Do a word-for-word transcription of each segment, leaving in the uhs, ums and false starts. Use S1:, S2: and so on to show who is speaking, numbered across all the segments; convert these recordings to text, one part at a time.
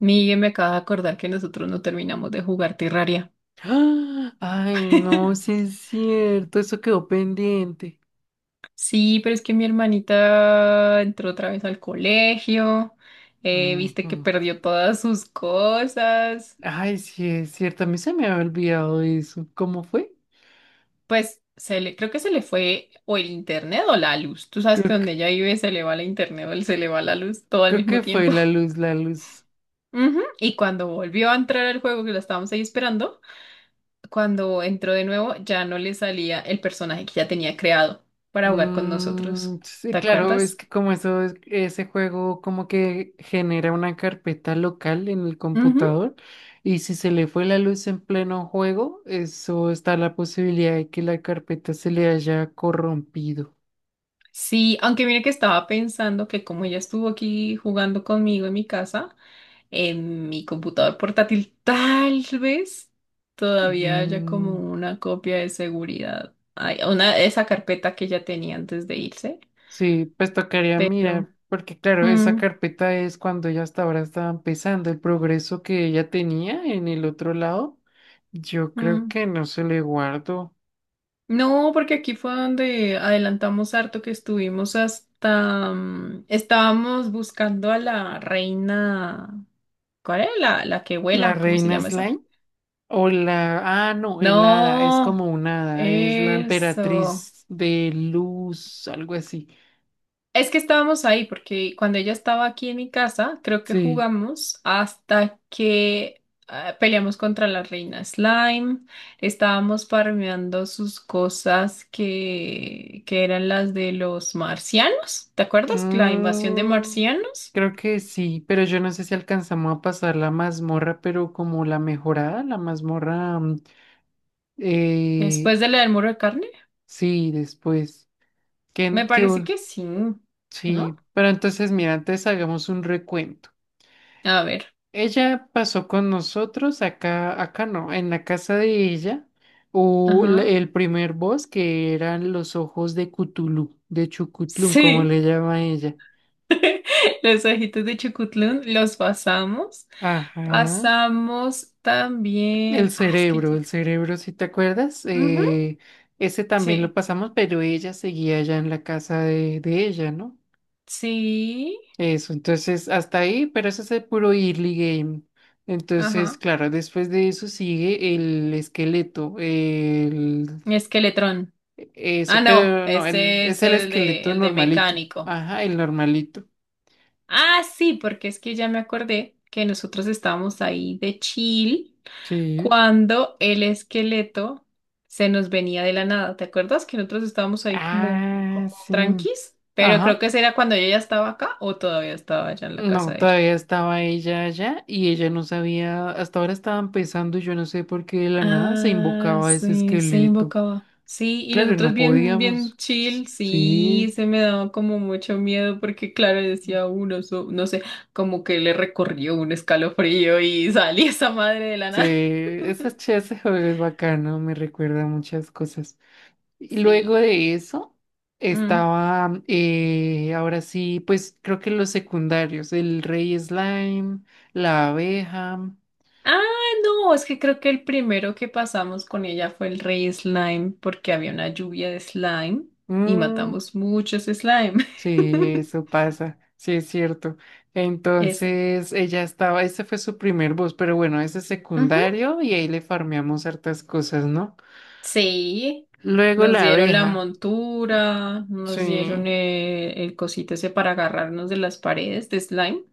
S1: Miguel, me acaba de acordar que nosotros no terminamos de jugar Terraria.
S2: ¡Ah! Ay, no, sí es cierto, eso quedó pendiente.
S1: Sí, pero es que mi hermanita entró otra vez al colegio, eh, viste que
S2: Ujú.
S1: perdió todas sus cosas.
S2: Ay, sí es cierto, a mí se me había olvidado eso. ¿Cómo fue?
S1: Pues se le, creo que se le fue o el internet o la luz. Tú sabes que
S2: Creo que,
S1: donde ella vive se le va la internet o se le va la luz todo al
S2: creo
S1: mismo
S2: que fue
S1: tiempo.
S2: la luz, la luz.
S1: Ujú. Y cuando volvió a entrar al juego, que la estábamos ahí esperando, cuando entró de nuevo ya no le salía el personaje que ya tenía creado para jugar con
S2: Mm,
S1: nosotros.
S2: sí,
S1: ¿Te
S2: claro, es
S1: acuerdas?
S2: que como eso, es- ese juego como que genera una carpeta local en el
S1: Ujú.
S2: computador y si se le fue la luz en pleno juego, eso está la posibilidad de que la carpeta se le haya corrompido.
S1: Sí, aunque mire que estaba pensando que como ella estuvo aquí jugando conmigo en mi casa, en mi computador portátil, tal vez todavía haya como
S2: Mm,
S1: una copia de seguridad. Ay, una, esa carpeta que ella tenía antes de irse.
S2: sí, pues tocaría
S1: Pero,
S2: mirar, porque claro, esa
S1: mm,
S2: carpeta es cuando ya hasta ahora estaba empezando el progreso que ella tenía en el otro lado. Yo creo
S1: mm.
S2: que no se le guardo.
S1: No, porque aquí fue donde adelantamos harto que estuvimos hasta, mm, estábamos buscando a la reina, ¿cuál es? La, la que
S2: La
S1: vuela, ¿cómo se
S2: reina
S1: llama esa?
S2: Slime o la... Ah, no, el hada, es
S1: No.
S2: como un hada, es la
S1: Eso.
S2: emperatriz de luz, algo así.
S1: Es que estábamos ahí porque cuando ella estaba aquí en mi casa, creo que
S2: Sí.
S1: jugamos hasta que ah, peleamos contra la reina Slime. Estábamos farmeando sus cosas que, que eran las de los marcianos. ¿Te acuerdas? La invasión de
S2: Mm,
S1: marcianos
S2: creo que sí, pero yo no sé si alcanzamos a pasar la mazmorra, pero como la mejorada, la mazmorra... mm,
S1: después
S2: eh,
S1: de la del muro de carne.
S2: Sí, después. ¿Qué,
S1: Me
S2: qué
S1: parece
S2: bon-
S1: que sí, ¿no?
S2: sí, pero entonces, mira, antes hagamos un recuento.
S1: A ver.
S2: Ella pasó con nosotros acá, acá no, en la casa de ella, o la-
S1: Ajá.
S2: el primer boss que eran los ojos de Cthulhu, de Chucutlún, como
S1: Sí.
S2: le llama ella.
S1: Los ojitos de Chucutlún los pasamos.
S2: Ajá.
S1: Pasamos
S2: El
S1: también. Ah, es que.
S2: cerebro, el cerebro, si te acuerdas.
S1: Ujú.
S2: Eh, ese también lo
S1: Sí,
S2: pasamos, pero ella seguía allá en la casa de, de ella, ¿no?
S1: sí.
S2: Eso, entonces hasta ahí, pero eso es el puro early game. Entonces,
S1: Ajá.
S2: claro, después de eso sigue el esqueleto, el
S1: Esqueletrón. Ah,
S2: eso,
S1: no.
S2: pero no, el,
S1: Este es
S2: es el
S1: el de,
S2: esqueleto
S1: el de
S2: normalito.
S1: mecánico.
S2: Ajá, el normalito.
S1: Ah, sí, porque es que ya me acordé que nosotros estábamos ahí de chill
S2: Sí.
S1: cuando el esqueleto se nos venía de la nada. ¿Te acuerdas que nosotros estábamos ahí como,
S2: Ah,
S1: como
S2: sí.
S1: tranquis? Pero creo
S2: Ajá.
S1: que ese era cuando yo ya estaba acá o todavía estaba allá en la casa
S2: No,
S1: de ella.
S2: todavía estaba ella allá y ella no sabía, hasta ahora estaban pensando, y yo no sé por qué de la nada se
S1: Ah,
S2: invocaba ese
S1: sí, se
S2: esqueleto.
S1: invocaba. Sí, y
S2: Claro,
S1: nosotros
S2: no
S1: bien, bien
S2: podíamos.
S1: chill, sí,
S2: Sí.
S1: se me daba como mucho miedo porque claro, decía uno, so- no sé, como que le recorrió un escalofrío y salí esa madre de la
S2: Sí,
S1: nada.
S2: ese, ch- ese juego es bacano, me recuerda a muchas cosas. Y luego
S1: Sí.
S2: de eso
S1: Mm.
S2: estaba, eh, ahora sí, pues creo que los secundarios, el rey slime, la abeja.
S1: Ah, no, es que creo que el primero que pasamos con ella fue el rey slime porque había una lluvia de slime y
S2: Mm,
S1: matamos muchos slime.
S2: sí, eso pasa, sí es cierto.
S1: Eso.
S2: Entonces ella estaba, ese fue su primer boss, pero bueno, ese es
S1: Ujú.
S2: secundario y ahí le farmeamos hartas cosas, ¿no?
S1: Sí,
S2: Luego
S1: nos
S2: la
S1: dieron la
S2: abeja,
S1: montura, nos dieron
S2: sí.
S1: eh, el, cosito ese para agarrarnos de las paredes de slime.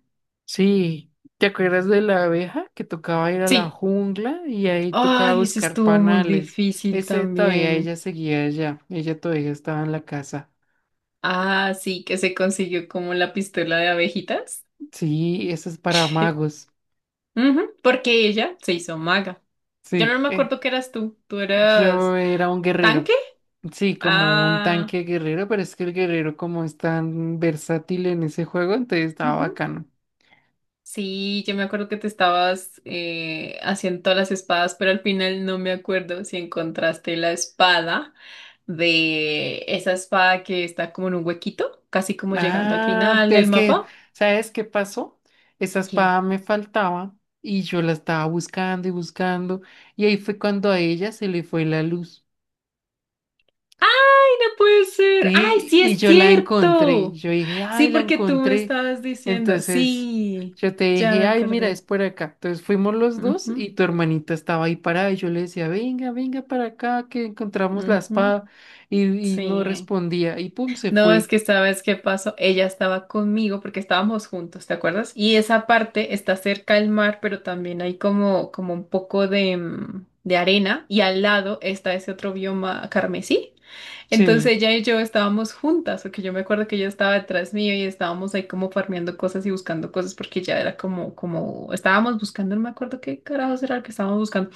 S2: Sí, ¿te acuerdas de la abeja que tocaba ir a la
S1: Sí.
S2: jungla y ahí tocaba
S1: Ay, ese
S2: buscar
S1: estuvo muy
S2: panales?
S1: difícil
S2: Ese todavía
S1: también.
S2: ella seguía allá, ella todavía estaba en la casa.
S1: Ah, sí, que se consiguió como la pistola de abejitas.
S2: Sí, eso es para magos.
S1: Ujú. Porque ella se hizo maga. Yo no
S2: Sí,
S1: me
S2: eh,
S1: acuerdo qué eras tú. ¿Tú eras
S2: yo era un guerrero.
S1: tanque?
S2: Sí, como un
S1: Ah,
S2: tanque guerrero, pero es que el guerrero como es tan versátil en ese juego, entonces estaba
S1: ujú.
S2: bacano.
S1: Sí, yo me acuerdo que te estabas eh, haciendo todas las espadas, pero al final no me acuerdo si encontraste la espada de esa espada que está como en un huequito, casi como llegando al
S2: Ah,
S1: final del
S2: es que,
S1: mapa.
S2: ¿sabes qué pasó? Esa espada
S1: ¿Qué?
S2: me faltaba y yo la estaba buscando y buscando y ahí fue cuando a ella se le fue la luz.
S1: ¡Ay, no puede ser! ¡Ay,
S2: Sí,
S1: sí
S2: y
S1: es
S2: yo la encontré.
S1: cierto!
S2: Yo dije,
S1: Sí,
S2: ay, la
S1: porque tú me
S2: encontré.
S1: estabas diciendo.
S2: Entonces
S1: Sí,
S2: yo te
S1: ya me
S2: dije, ay, mira, es
S1: acordé.
S2: por acá. Entonces fuimos los dos
S1: Ujú,
S2: y tu hermanita estaba ahí parada y yo le decía, venga, venga para acá que encontramos la
S1: ujú,
S2: espada y, y
S1: sí.
S2: no respondía y pum, se
S1: No, es
S2: fue.
S1: que sabes qué pasó. Ella estaba conmigo porque estábamos juntos, ¿te acuerdas? Y esa parte está cerca del mar, pero también hay como, como un poco de, mm, de arena y al lado está ese otro bioma carmesí. Entonces
S2: Sí,
S1: ella y yo estábamos juntas, porque yo me acuerdo que ella estaba detrás mío y estábamos ahí como farmeando cosas y buscando cosas porque ya era como, como, estábamos buscando, no me acuerdo qué carajos era lo que estábamos buscando.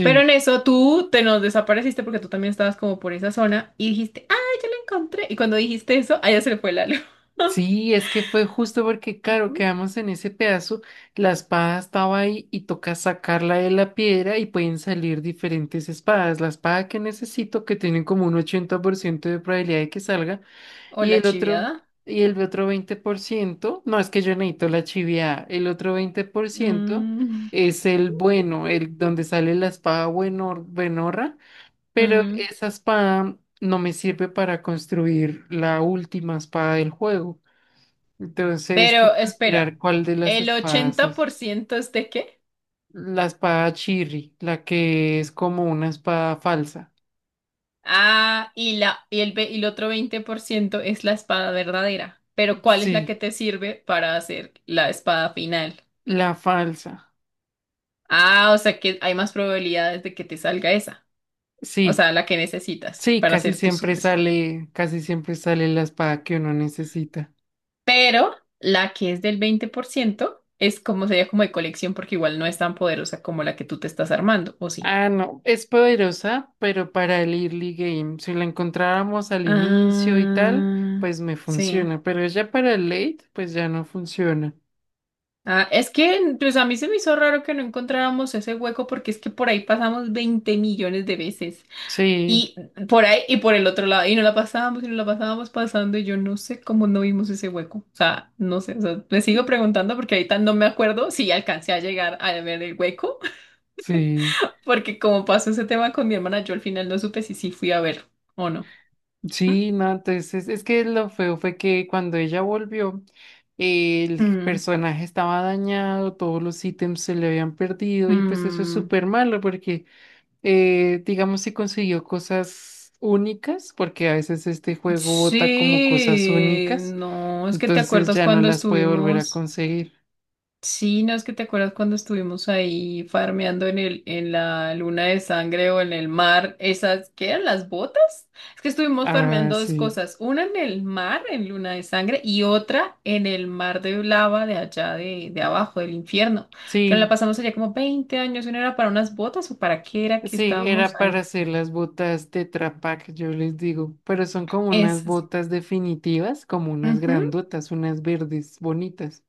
S1: Pero en eso tú te nos desapareciste porque tú también estabas como por esa zona y dijiste, ¡ay, ya la encontré! Y cuando dijiste eso, a ella se le fue la luz.
S2: Sí, es que fue justo porque, claro,
S1: Ujú.
S2: quedamos en ese pedazo, la espada estaba ahí y toca sacarla de la piedra y pueden salir diferentes espadas. La espada que necesito, que tiene como un ochenta por ciento de probabilidad de que salga,
S1: O
S2: y
S1: la
S2: el otro,
S1: chiviada.
S2: y el otro veinte por ciento, no, es que yo necesito la chiviada, el otro veinte por ciento
S1: Mm,
S2: es el bueno, el donde sale la espada bueno, buenorra, pero
S1: mm.
S2: esa espada no me sirve para construir la última espada del juego. Entonces,
S1: Pero
S2: toca
S1: espera,
S2: mirar cuál de las
S1: ¿el
S2: espadas
S1: ochenta
S2: es.
S1: por ciento es de qué?
S2: La espada Chirri, la que es como una espada falsa.
S1: Ah, y, la, y, el, ve- Y el otro veinte por ciento es la espada verdadera. Pero ¿cuál es la que
S2: Sí,
S1: te sirve para hacer la espada final?
S2: la falsa.
S1: Ah, o sea que hay más probabilidades de que te salga esa. O
S2: Sí,
S1: sea, la que necesitas
S2: sí,
S1: para
S2: casi
S1: hacer tu
S2: siempre
S1: super.
S2: sale, casi siempre sale la espada que uno necesita.
S1: Pero la que es del veinte por ciento es como sería como de colección porque igual no es tan poderosa como la que tú te estás armando, ¿o sí?
S2: Ah, no, es poderosa, pero para el early game, si la encontrábamos al inicio y tal,
S1: Ah,
S2: pues me
S1: sí.
S2: funciona, pero ya para el late, pues ya no funciona.
S1: Ah, es que pues a mí se me hizo raro que no encontráramos ese hueco porque es que por ahí pasamos veinte millones de veces.
S2: Sí,
S1: Y por ahí y por el otro lado. Y no la pasábamos y no la pasábamos pasando. Y yo no sé cómo no vimos ese hueco. O sea, no sé. O sea, le sigo preguntando porque ahorita no me acuerdo si alcancé a llegar a ver el hueco
S2: sí,
S1: porque como pasó ese tema con mi hermana, yo al final no supe si sí fui a ver o no. Mm,
S2: sí, no, entonces es que lo feo fue que cuando ella volvió, el
S1: mm,
S2: personaje estaba dañado, todos los ítems se le habían perdido y pues eso es
S1: mm.
S2: súper malo porque, eh, digamos, si consiguió cosas únicas, porque a veces este juego bota como cosas
S1: Sí,
S2: únicas.
S1: no, es que te
S2: Entonces
S1: acuerdas
S2: ya no
S1: cuando
S2: las puede volver a
S1: estuvimos.
S2: conseguir.
S1: Sí, no es que te acuerdas cuando estuvimos ahí farmeando en el, en la luna de sangre o en el mar, esas, ¿qué eran las botas? Es que estuvimos
S2: Ah,
S1: farmeando dos
S2: sí.
S1: cosas, una en el mar, en luna de sangre, y otra en el mar de lava de allá de, de abajo, del infierno, que nos la
S2: Sí,
S1: pasamos allá como veinte años, y ¿no era para unas botas o para qué era que
S2: sí,
S1: estábamos
S2: era para
S1: ahí?
S2: hacer las botas de Pak, yo les digo. Pero son como unas
S1: Esas.
S2: botas definitivas, como unas
S1: Ujú.
S2: grandotas, unas verdes bonitas.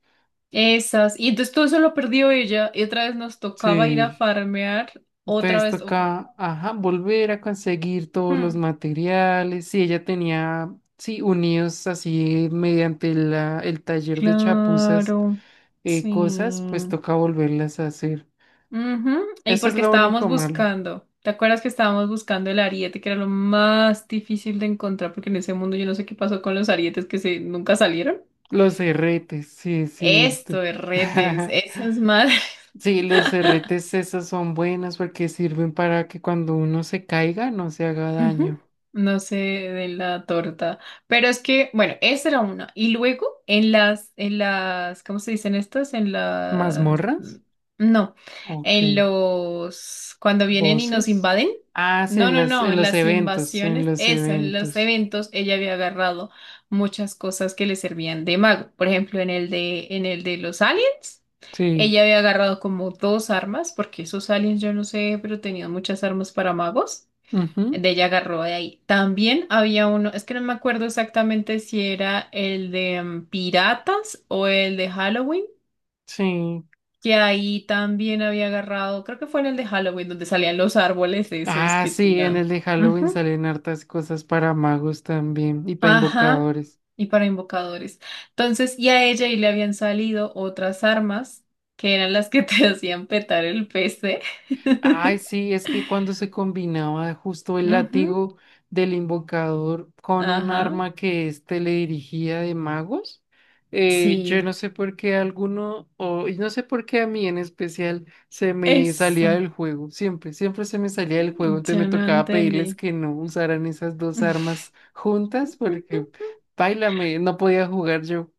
S1: Esas. Y entonces todo eso lo perdió ella, y otra vez nos tocaba ir a
S2: Sí.
S1: farmear, otra
S2: Entonces
S1: vez. o-
S2: toca, ajá, volver a conseguir todos los
S1: hmm,
S2: materiales. Sí, ella tenía, sí, unidos así mediante la, el taller de chapuzas,
S1: Claro,
S2: eh, cosas,
S1: sí.
S2: pues toca volverlas a hacer.
S1: Ujú. Y
S2: Eso es
S1: porque
S2: lo
S1: estábamos
S2: único malo.
S1: buscando, ¿te acuerdas que estábamos buscando el ariete, que era lo más difícil de encontrar? Porque en ese mundo yo no sé qué pasó con los arietes que se nunca salieron.
S2: Los erretes, sí, es
S1: Esto,
S2: cierto.
S1: retes, esas madres.
S2: Sí, los erretes esos son buenos porque sirven para que cuando uno se caiga no se haga
S1: Ujú.
S2: daño.
S1: No sé de la torta, pero es que, bueno, esa era una. Y luego en las, en las, ¿cómo se dicen estas? En las,
S2: ¿Mazmorras?
S1: no,
S2: Ok.
S1: en los, cuando vienen y nos
S2: ¿Voces?
S1: invaden.
S2: Ah, sí,
S1: No,
S2: en
S1: no,
S2: las,
S1: no,
S2: en
S1: en
S2: los
S1: las
S2: eventos, en
S1: invasiones,
S2: los
S1: eso, en los
S2: eventos.
S1: eventos, ella había agarrado muchas cosas que le servían de mago. Por ejemplo, en el de, en el de los aliens.
S2: Sí.
S1: Ella había agarrado como dos armas, porque esos aliens, yo no sé, pero tenían muchas armas para magos.
S2: Ujú,
S1: De ella agarró de ahí. También había uno, es que no me acuerdo exactamente si era el de mm, Piratas o el de Halloween,
S2: sí.
S1: que ahí también había agarrado, creo que fue en el de Halloween, donde salían los árboles esos
S2: Ah,
S1: que
S2: sí, en
S1: tiran.
S2: el de Halloween
S1: Ujú.
S2: salen hartas cosas para magos también y para
S1: Ajá.
S2: invocadores.
S1: Y para invocadores. Entonces, y a ella y le habían salido otras armas que eran las que te hacían petar el P C.
S2: Ay, sí, es que cuando se combinaba justo el
S1: Ujú.
S2: látigo del invocador con un
S1: Ajá.
S2: arma que éste le dirigía de magos, eh, yo
S1: Sí.
S2: no sé por qué alguno, o y no sé por qué a mí en especial, se me salía
S1: Eso.
S2: del juego, siempre, siempre se me salía del juego, entonces
S1: Yo
S2: me
S1: no
S2: tocaba
S1: entendí.
S2: pedirles que no usaran esas dos armas juntas porque, páilame, no podía jugar yo.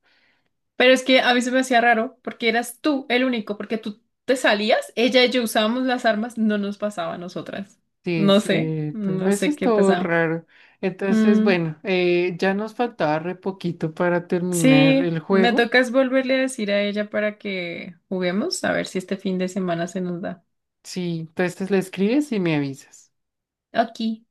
S1: Pero es que a mí se me hacía raro porque eras tú el único, porque tú te salías, ella y yo usábamos las armas, no nos pasaba a nosotras.
S2: Sí,
S1: No sé,
S2: cierto.
S1: no
S2: Eso
S1: sé qué
S2: estuvo
S1: pasaba.
S2: raro. Entonces,
S1: Mm,
S2: bueno, eh, ya nos faltaba re poquito para terminar
S1: sí,
S2: el
S1: me
S2: juego.
S1: tocas volverle a decir a ella para que juguemos, a ver si este fin de semana se nos da.
S2: Sí, entonces le escribes y me avisas.
S1: Ok.